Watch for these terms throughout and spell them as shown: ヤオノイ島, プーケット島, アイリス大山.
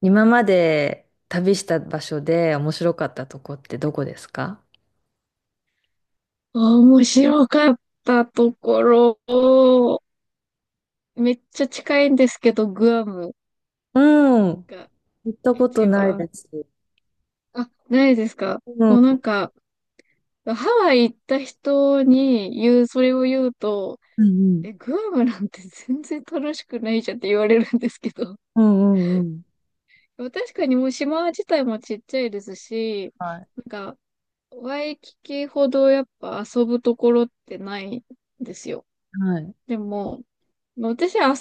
今まで旅した場所で面白かったとこってどこですか？面白かったところ、めっちゃ近いんですけど、グアムうん。が行ったこと一ない番。です。あ、ないですか。うもうん。なんか、ハワイ行った人に言う、それを言うと、うんうん。え、グアムなんて全然楽しくないじゃんって言われるんですけど。うんうんうん。まあ確かにもう島自体もちっちゃいですし、はい。なんか、ワイキキほどやっぱ遊ぶところってないんですよ。はい。でも、まあ私、遊ぶ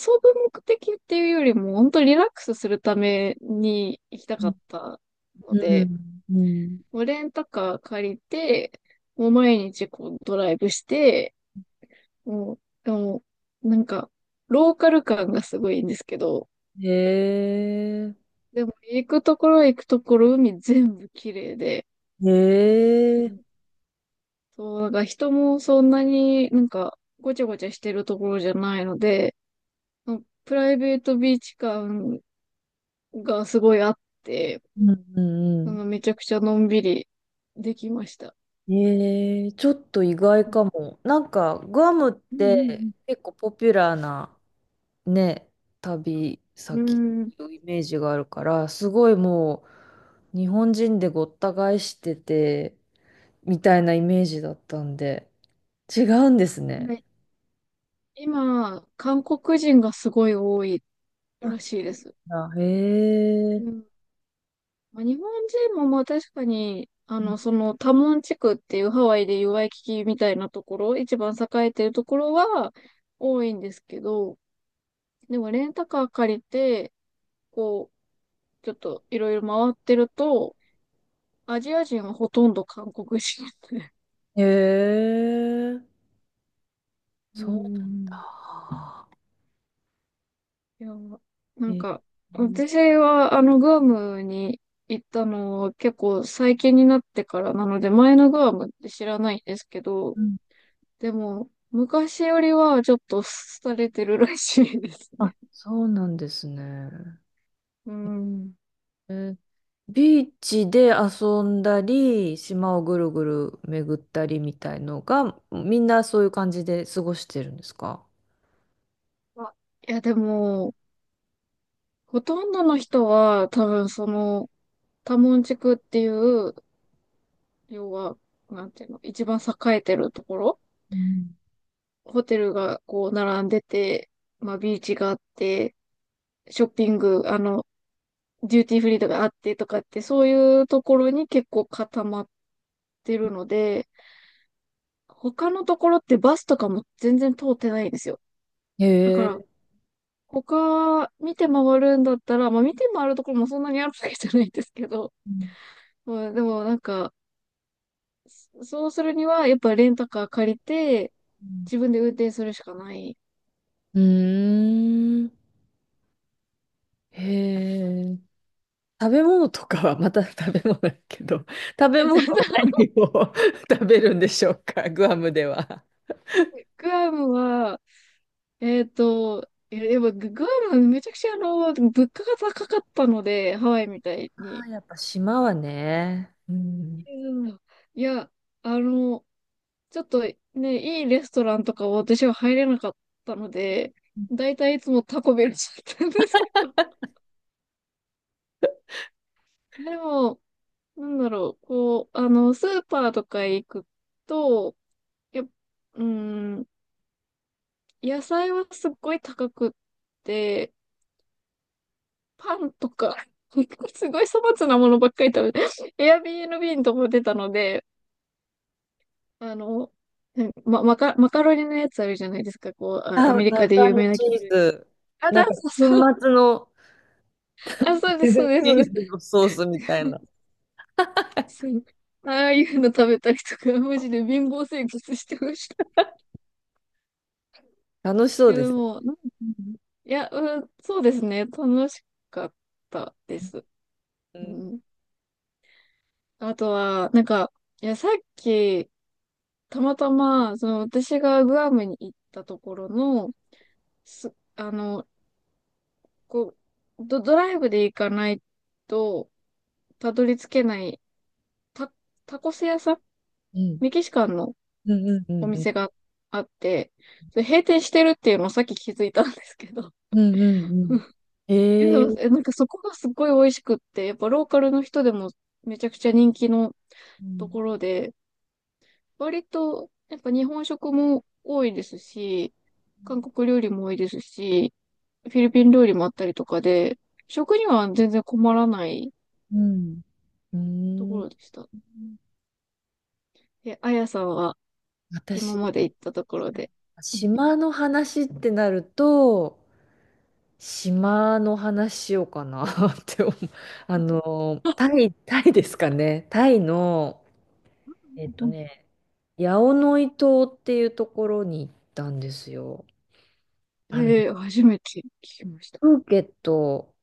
目的っていうよりも、本当リラックスするために行きたかうったので、ん。うん。もうレンタカー借りて、もう毎日こうドライブして、もう、でも、なんか、ローカル感がすごいんですけど、へえ。でも行くところ行くところ海全部綺麗で、へうえ。ん、そう、なんか人もそんなになんかごちゃごちゃしてるところじゃないので、うん、プライベートビーチ感がすごいあって、うんうんそうのめちゃくちゃのんびりできました。ん。へえ。ちょっと意外うんかも。なんか、グアムっうてん結構ポピュラーなね、旅う先ん。うん。のイメージがあるから、すごいもう、日本人でごった返してて、みたいなイメージだったんで、違うんですね。はい、今、韓国人がすごい多いあ、らしいそでうす。なんだ。へうえ。ん。まあ、日本人もまあ確かに、そのタモン地区っていうハワイでいうワイキキみたいなところ、一番栄えてるところは多いんですけど、でもレンタカー借りて、こう、ちょっといろいろ回ってると、アジア人はほとんど韓国人で。へえ。うんうそうなんん、だ。いや、なんえ、か、私は、グアムに行ったのは結構最近になってからなので、前のグアムって知らないんですけど、うん、でも、昔よりはちょっと廃れてるらしいですあ、ね。そうなんですね。うえん。えー、ビーチで遊んだり、島をぐるぐる巡ったりみたいのが、みんなそういう感じで過ごしてるんですか？まあ、いや、でも、ほとんどの人は多分その、タモン地区っていう、要は、なんていうの、一番栄えてるところ、うん、ホテルがこう並んでて、まあ、ビーチがあって、ショッピング、デューティーフリーとかあってとかって、そういうところに結構固まってるので、他のところってバスとかも全然通ってないんですよ。へだから、え。他見て回るんだったら、まあ見て回るところもそんなにあるわけじゃないんですけど、うん、まあでもなんか、そうするにはやっぱレンタカー借りて、自分で運転するしかない。うーん。へえ。食べ物とかは、また食べ物だけど、食べ物は 何を 食べるんでしょうか、グアムでは。グアムは、いや、やっぱグアムめちゃくちゃ物価が高かったので、ハワイみたいあに。ー、やっぱ島はね。うん。うん、いや、あの、ちょっとね、いいレストランとかは私は入れなかったので、だいたいいつもタコベルだったんですけど、でも、なんだろう、こう、スーパーとか行くと、やっ、うん、野菜はすっごい高くって、パンとか、すごい粗末なものばっかり食べて、Airbnb とも出たので、あの、マカロニのやつあるじゃないですか、こう、あ、アメリカで中有の名なチ黄ー色い。ズ。なんか、粉そうそう。末のあ、そうでデす、ザそンうです、チそうでーズす。のソースみたいな。そう。ああいうの食べたりとか、マジで貧乏生活してました。楽しそいうや、でです。も、いや、うん、そうですね。楽しかったです。ううん。ん。あとは、なんか、いや、さっき、たまたま、その、私がグアムに行ったところの、す、あの、こドライブで行かないと、たどり着けない、タ、タコス屋さん、うん。メキシカンのうんうんうおんうん。店があって、それ閉店してるっていうのをさっき気づいたんですけど、うんうんうん。え、でえも、え、え、なんかそこがすごい美味しくって、やっぱローカルの人でもめちゃくちゃ人気のうとん。ころで、割とやっぱ日本食も多いですし、韓国料理も多いですし、フィリピン料理もあったりとかで、食には全然困らないうん。うとーころん。でした。え、あやさんは今まで私、行ったところで。うん島の話ってなると、島の話しようかな って思う。あの、タイですかね。タイの、えっとうん、ね、ヤオノイ島っていうところに行ったんですよ。あの、えー、初めて聞きました。プーケット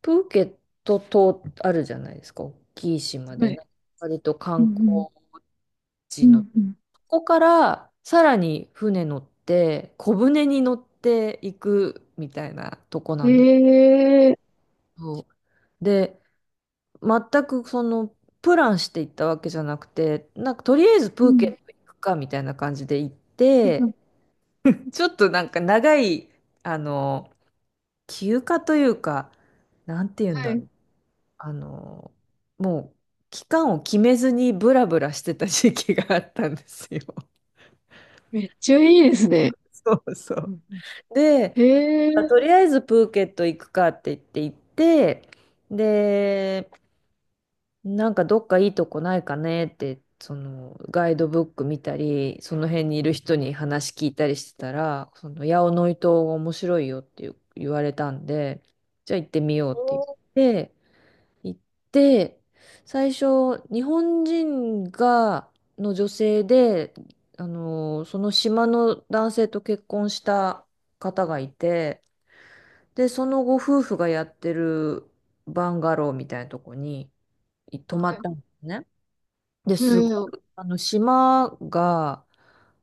プーケット島あるじゃないですか。大きい島で、はい。な割とう観ん光うんう地の、んうん。ここからさらに船乗って、小船に乗っていくみたいなとこなんですええ、けど。で、全くその、プランしていったわけじゃなくて、なんかとりあえずうプーん。ケット行くかみたいな感じで行っうん、て、ちょっとなんか長い、あの、休暇というか、なんて言うんはだろい。う。あの、もう期間を決めずにブラブラしてた時期があったんですよ。めっちゃいいですね。そうそうう。んうん、で、ええ、あ、とりあえずプーケット行くかって言って行って、で、なんかどっかいいとこないかねって、そのガイドブック見たり、その辺にいる人に話聞いたりしてたら、その八尾のイ島が面白いよっていう言われたんで、じゃあ行ってみようってお言って、行って、最初、日本人が、の女性で、あの、その島の男性と結婚した方がいて、で、そのご夫婦がやってるバンガローみたいなとこに泊まっーい。たんですね。で、えすごー、く、あの、島が、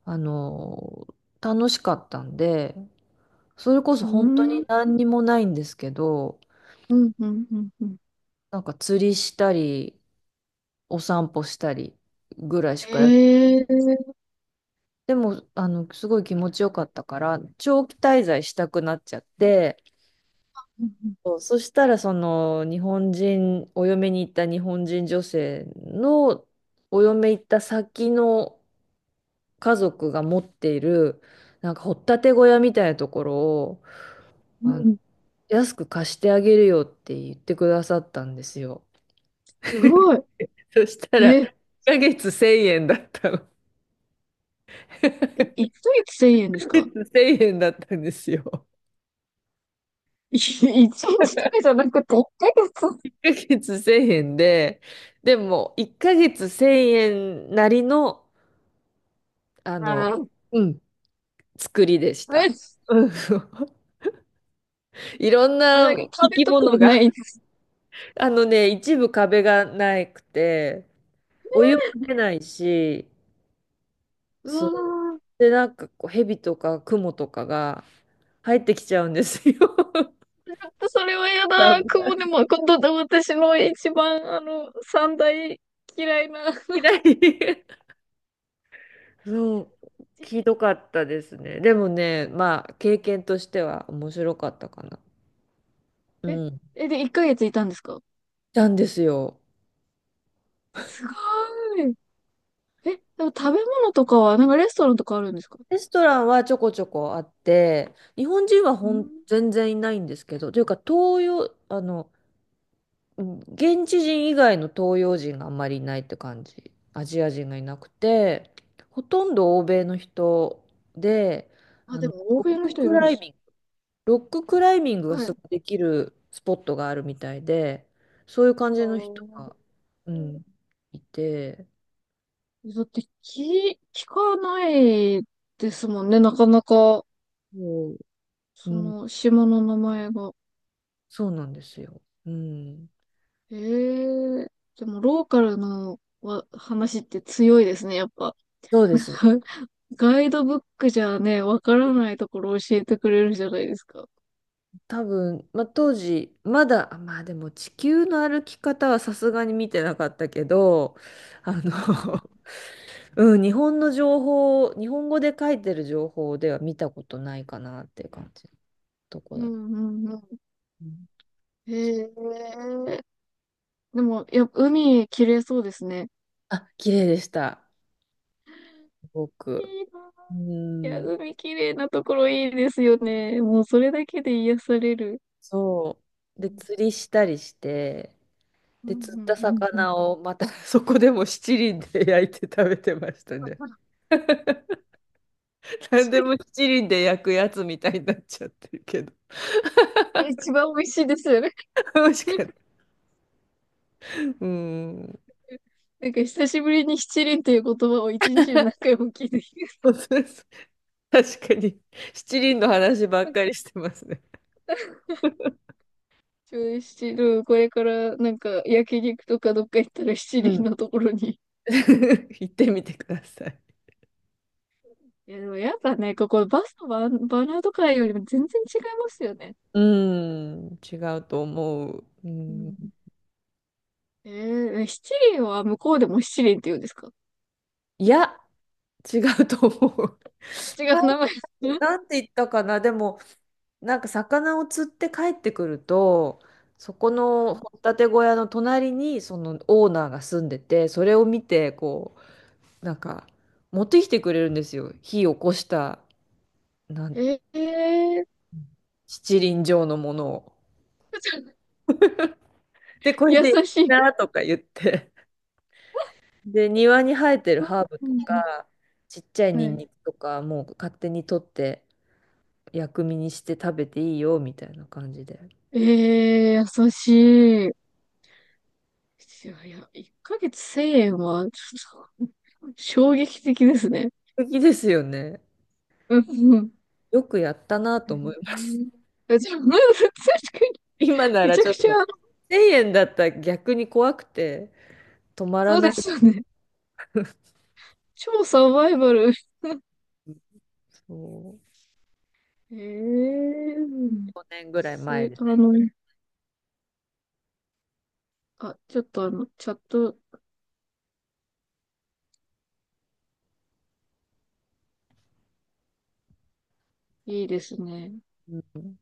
あの、楽しかったんで、それこそう本当ん、うにん、何にもないんですけど、うん、うん、うん。なんか釣りしたり、お散歩したりぐらいしかや、ええ、でも、あの、すごい気持ちよかったから、長期滞在したくなっちゃって、うんそう、そしたら、その、日本人、お嫁に行った日本人女性の、お嫁行った先の家族が持っている、なんか、掘っ立て小屋みたいなところを、うあんの、うん、安く貸してあげるよって言ってくださったんですよ。すごい。そしたえら、1ー、ヶ月1000円だったの。え、1ヶ月1000ですか。月1000円だったんですよ。い 一日とかじゃなくて1ヶ月。1ヶ月1000円で、でも1ヶ月1000円なりの、あの、あうん、作りでしー、え、た。うん、いろんあ、ななんか生壁きとか物ないが、です。あのね、一部壁がなくて、お湯も出ないし、うそう。わー、で、なんかこう、蛇とかクモとかが入ってきちゃうんですよ。ちょっとそれは嫌だ。危雲でも、今度私の一番、三大嫌いな。ない。そう、ひどかったですね。でもね、まあ、経験としては面白かったかな。うえ、ん。え、で、1ヶ月いたんですか。なんですよ。すごーい。え、でも食べ物とかは、なんかレストランとかあるんですか。レストランはちょこちょこあって、日本人はうほん。ん全然いないんですけど、というか、東洋、あの、うん、現地人以外の東洋人があんまりいないって感じ。アジア人がいなくて、ほとんど欧米の人で、あ、あでの、も欧ロ米ッのク人いクるんでライす。ミングロッククライミングがはすい。ごいできるスポットがあるみたいで、そういう感あじの人ー、が、うん、いて、だって聞、聞かないですもんね、なかなか、そう、うそん、の島の名前が。そうなんですよ。うん、ええ、でもローカルの話って強いですね、やっぱ。そうですね。ガイドブックじゃね、わからないところ教えてくれるじゃないですか。多分、まあ、当時、まだ、あ、まあでも地球の歩き方はさすがに見てなかったけど、あうの、ん うん、日本の情報、日本語で書いてる情報では見たことないかなっていう感じのとこうんだ。うんうん、うん、へえ。でも、やっぱ海綺麗そうですね。あ、綺麗でした。すごいいく。なうあ。いや、ん、海綺麗なところいいですよね。もうそれだけで癒される。そう。うで、ん、釣りしたりして、うん、で、釣ったうん、うん。魚をまた そこでも七輪で焼いて食べてましたね。何でも 七輪で焼くやつみたいになっちゃってるけど。一番美味しいですよね。美味しかった。うん。なんか久しぶりに七輪っていう言葉を一日に何 回も聞いてきましそうそうそう、確かに、七輪の話ばった。かりしてますね。ちょう七輪、これからなんか焼肉とかどっか行ったら七う輪ん。のところに。行ってみてください。いや、でもやっぱね、ここバスのバ、バナーとかよりも全然違いますよね。うん、違うと思う。ううん、ん、えー、え、七輪は向こうでも七輪って言うんですか。違いや、違うと思う。うちが 名前。うん、なんて言ったかな、でも、なんか魚を釣って帰ってくると、そこはの掘ったて小屋の隣にそのオーナーが住んでて、それを見て、こう、なんか持ってきてくれるんですよ。火起こした、ない、ん、えー、七輪状のものを。で、これ優でいいしい。なとか言って。で、庭に生えてるハーブうとん、か、ちっちゃいはニンい、ニクとか、もう勝手に取って薬味にして食べていいよみたいな感じで。えー、優しい。いやいや、1ヶ月千円は、ちょっと、衝撃的ですね。素敵ですよね。うん。よくやったなうと思います。ん、え、じゃあ、うん、確か今に、なめらちゃちょくっちゃ、と、1000円だったら逆に怖くて、止まらそうなでい。すよね。超サバイバル。そう、ええー、年ぐらいそ前れ、です。あ、ちょっとあの、チャットいいですね。うん、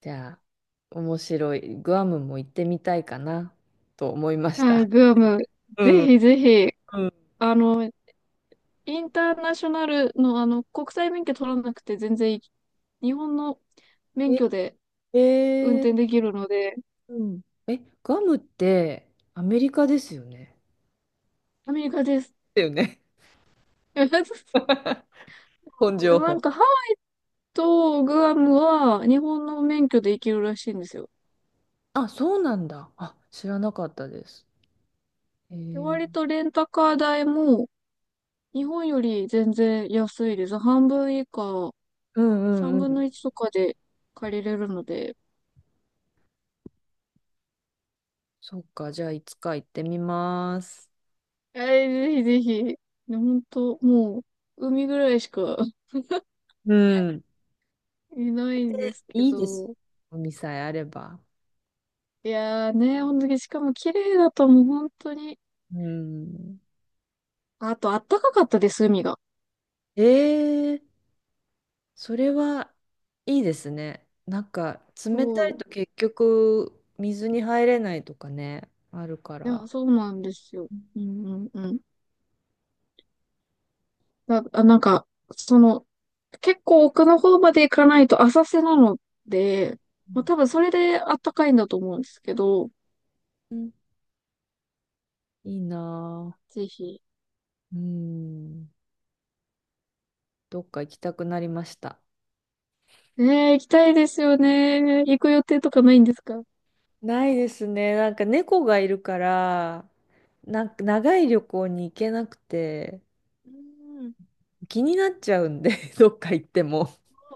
じゃあ、面白い。グアムも行ってみたいかな、と思いましはい、た。グアム。うぜん。ひぜひ、うん、あの、インターナショナルの、国際免許取らなくて全然いい、日本の免え、許で運え転ー、できるので、うん。え、グアムってアメリカですよね。アメリカです。だよね。そう、本で情もなん報。か、ハワイとグアムは日本の免許で行けるらしいんですよ。あ、そうなんだ。あ、知らなかったです。えで、ー、割とレンタカー代も日本より全然安いです。半分以下、うん、3うんう分ん。の1とかで借りれるので、そっか、じゃあいつか行ってみます。えー、ぜひぜひ。ね、当もう、海ぐらいしか うん。いないんですけいいです。ど。海さえあれば。いやーね、ほんとに、しかも綺麗だともう本当に。うん。あと、あったかかったです、海が。ええ、それはいいですね。なんか冷たそいう。と結局水に入れないとかね、あるかいや、ら。そうなんですよ。ううんうんうん。なんか、その、結構奥の方まで行かないと浅瀬なので、まあ多分んそれであったかいんだと思うんですけど、うん、いいなぜひ。ぁ。うん。どっか行きたくなりました。ねえ、行きたいですよね。行く予定とかないんですか。ないですね。なんか猫がいるから、なんか長い旅行に行けなくて、うん気になっちゃうんで、どっか行っても。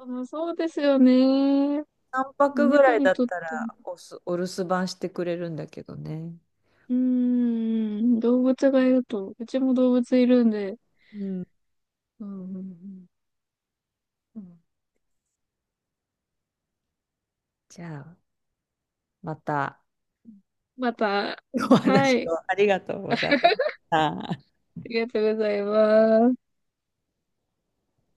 うん、そうですよね。3泊ぐら猫いにだっとったても。らおす、お留守番してくれるんだけどね。うーん、動物がいると、うちも動物いるんで。うん。うん、うん、うん。じゃあ、また、うん、また、おは話い、あをありがとうございました。りがとうございます。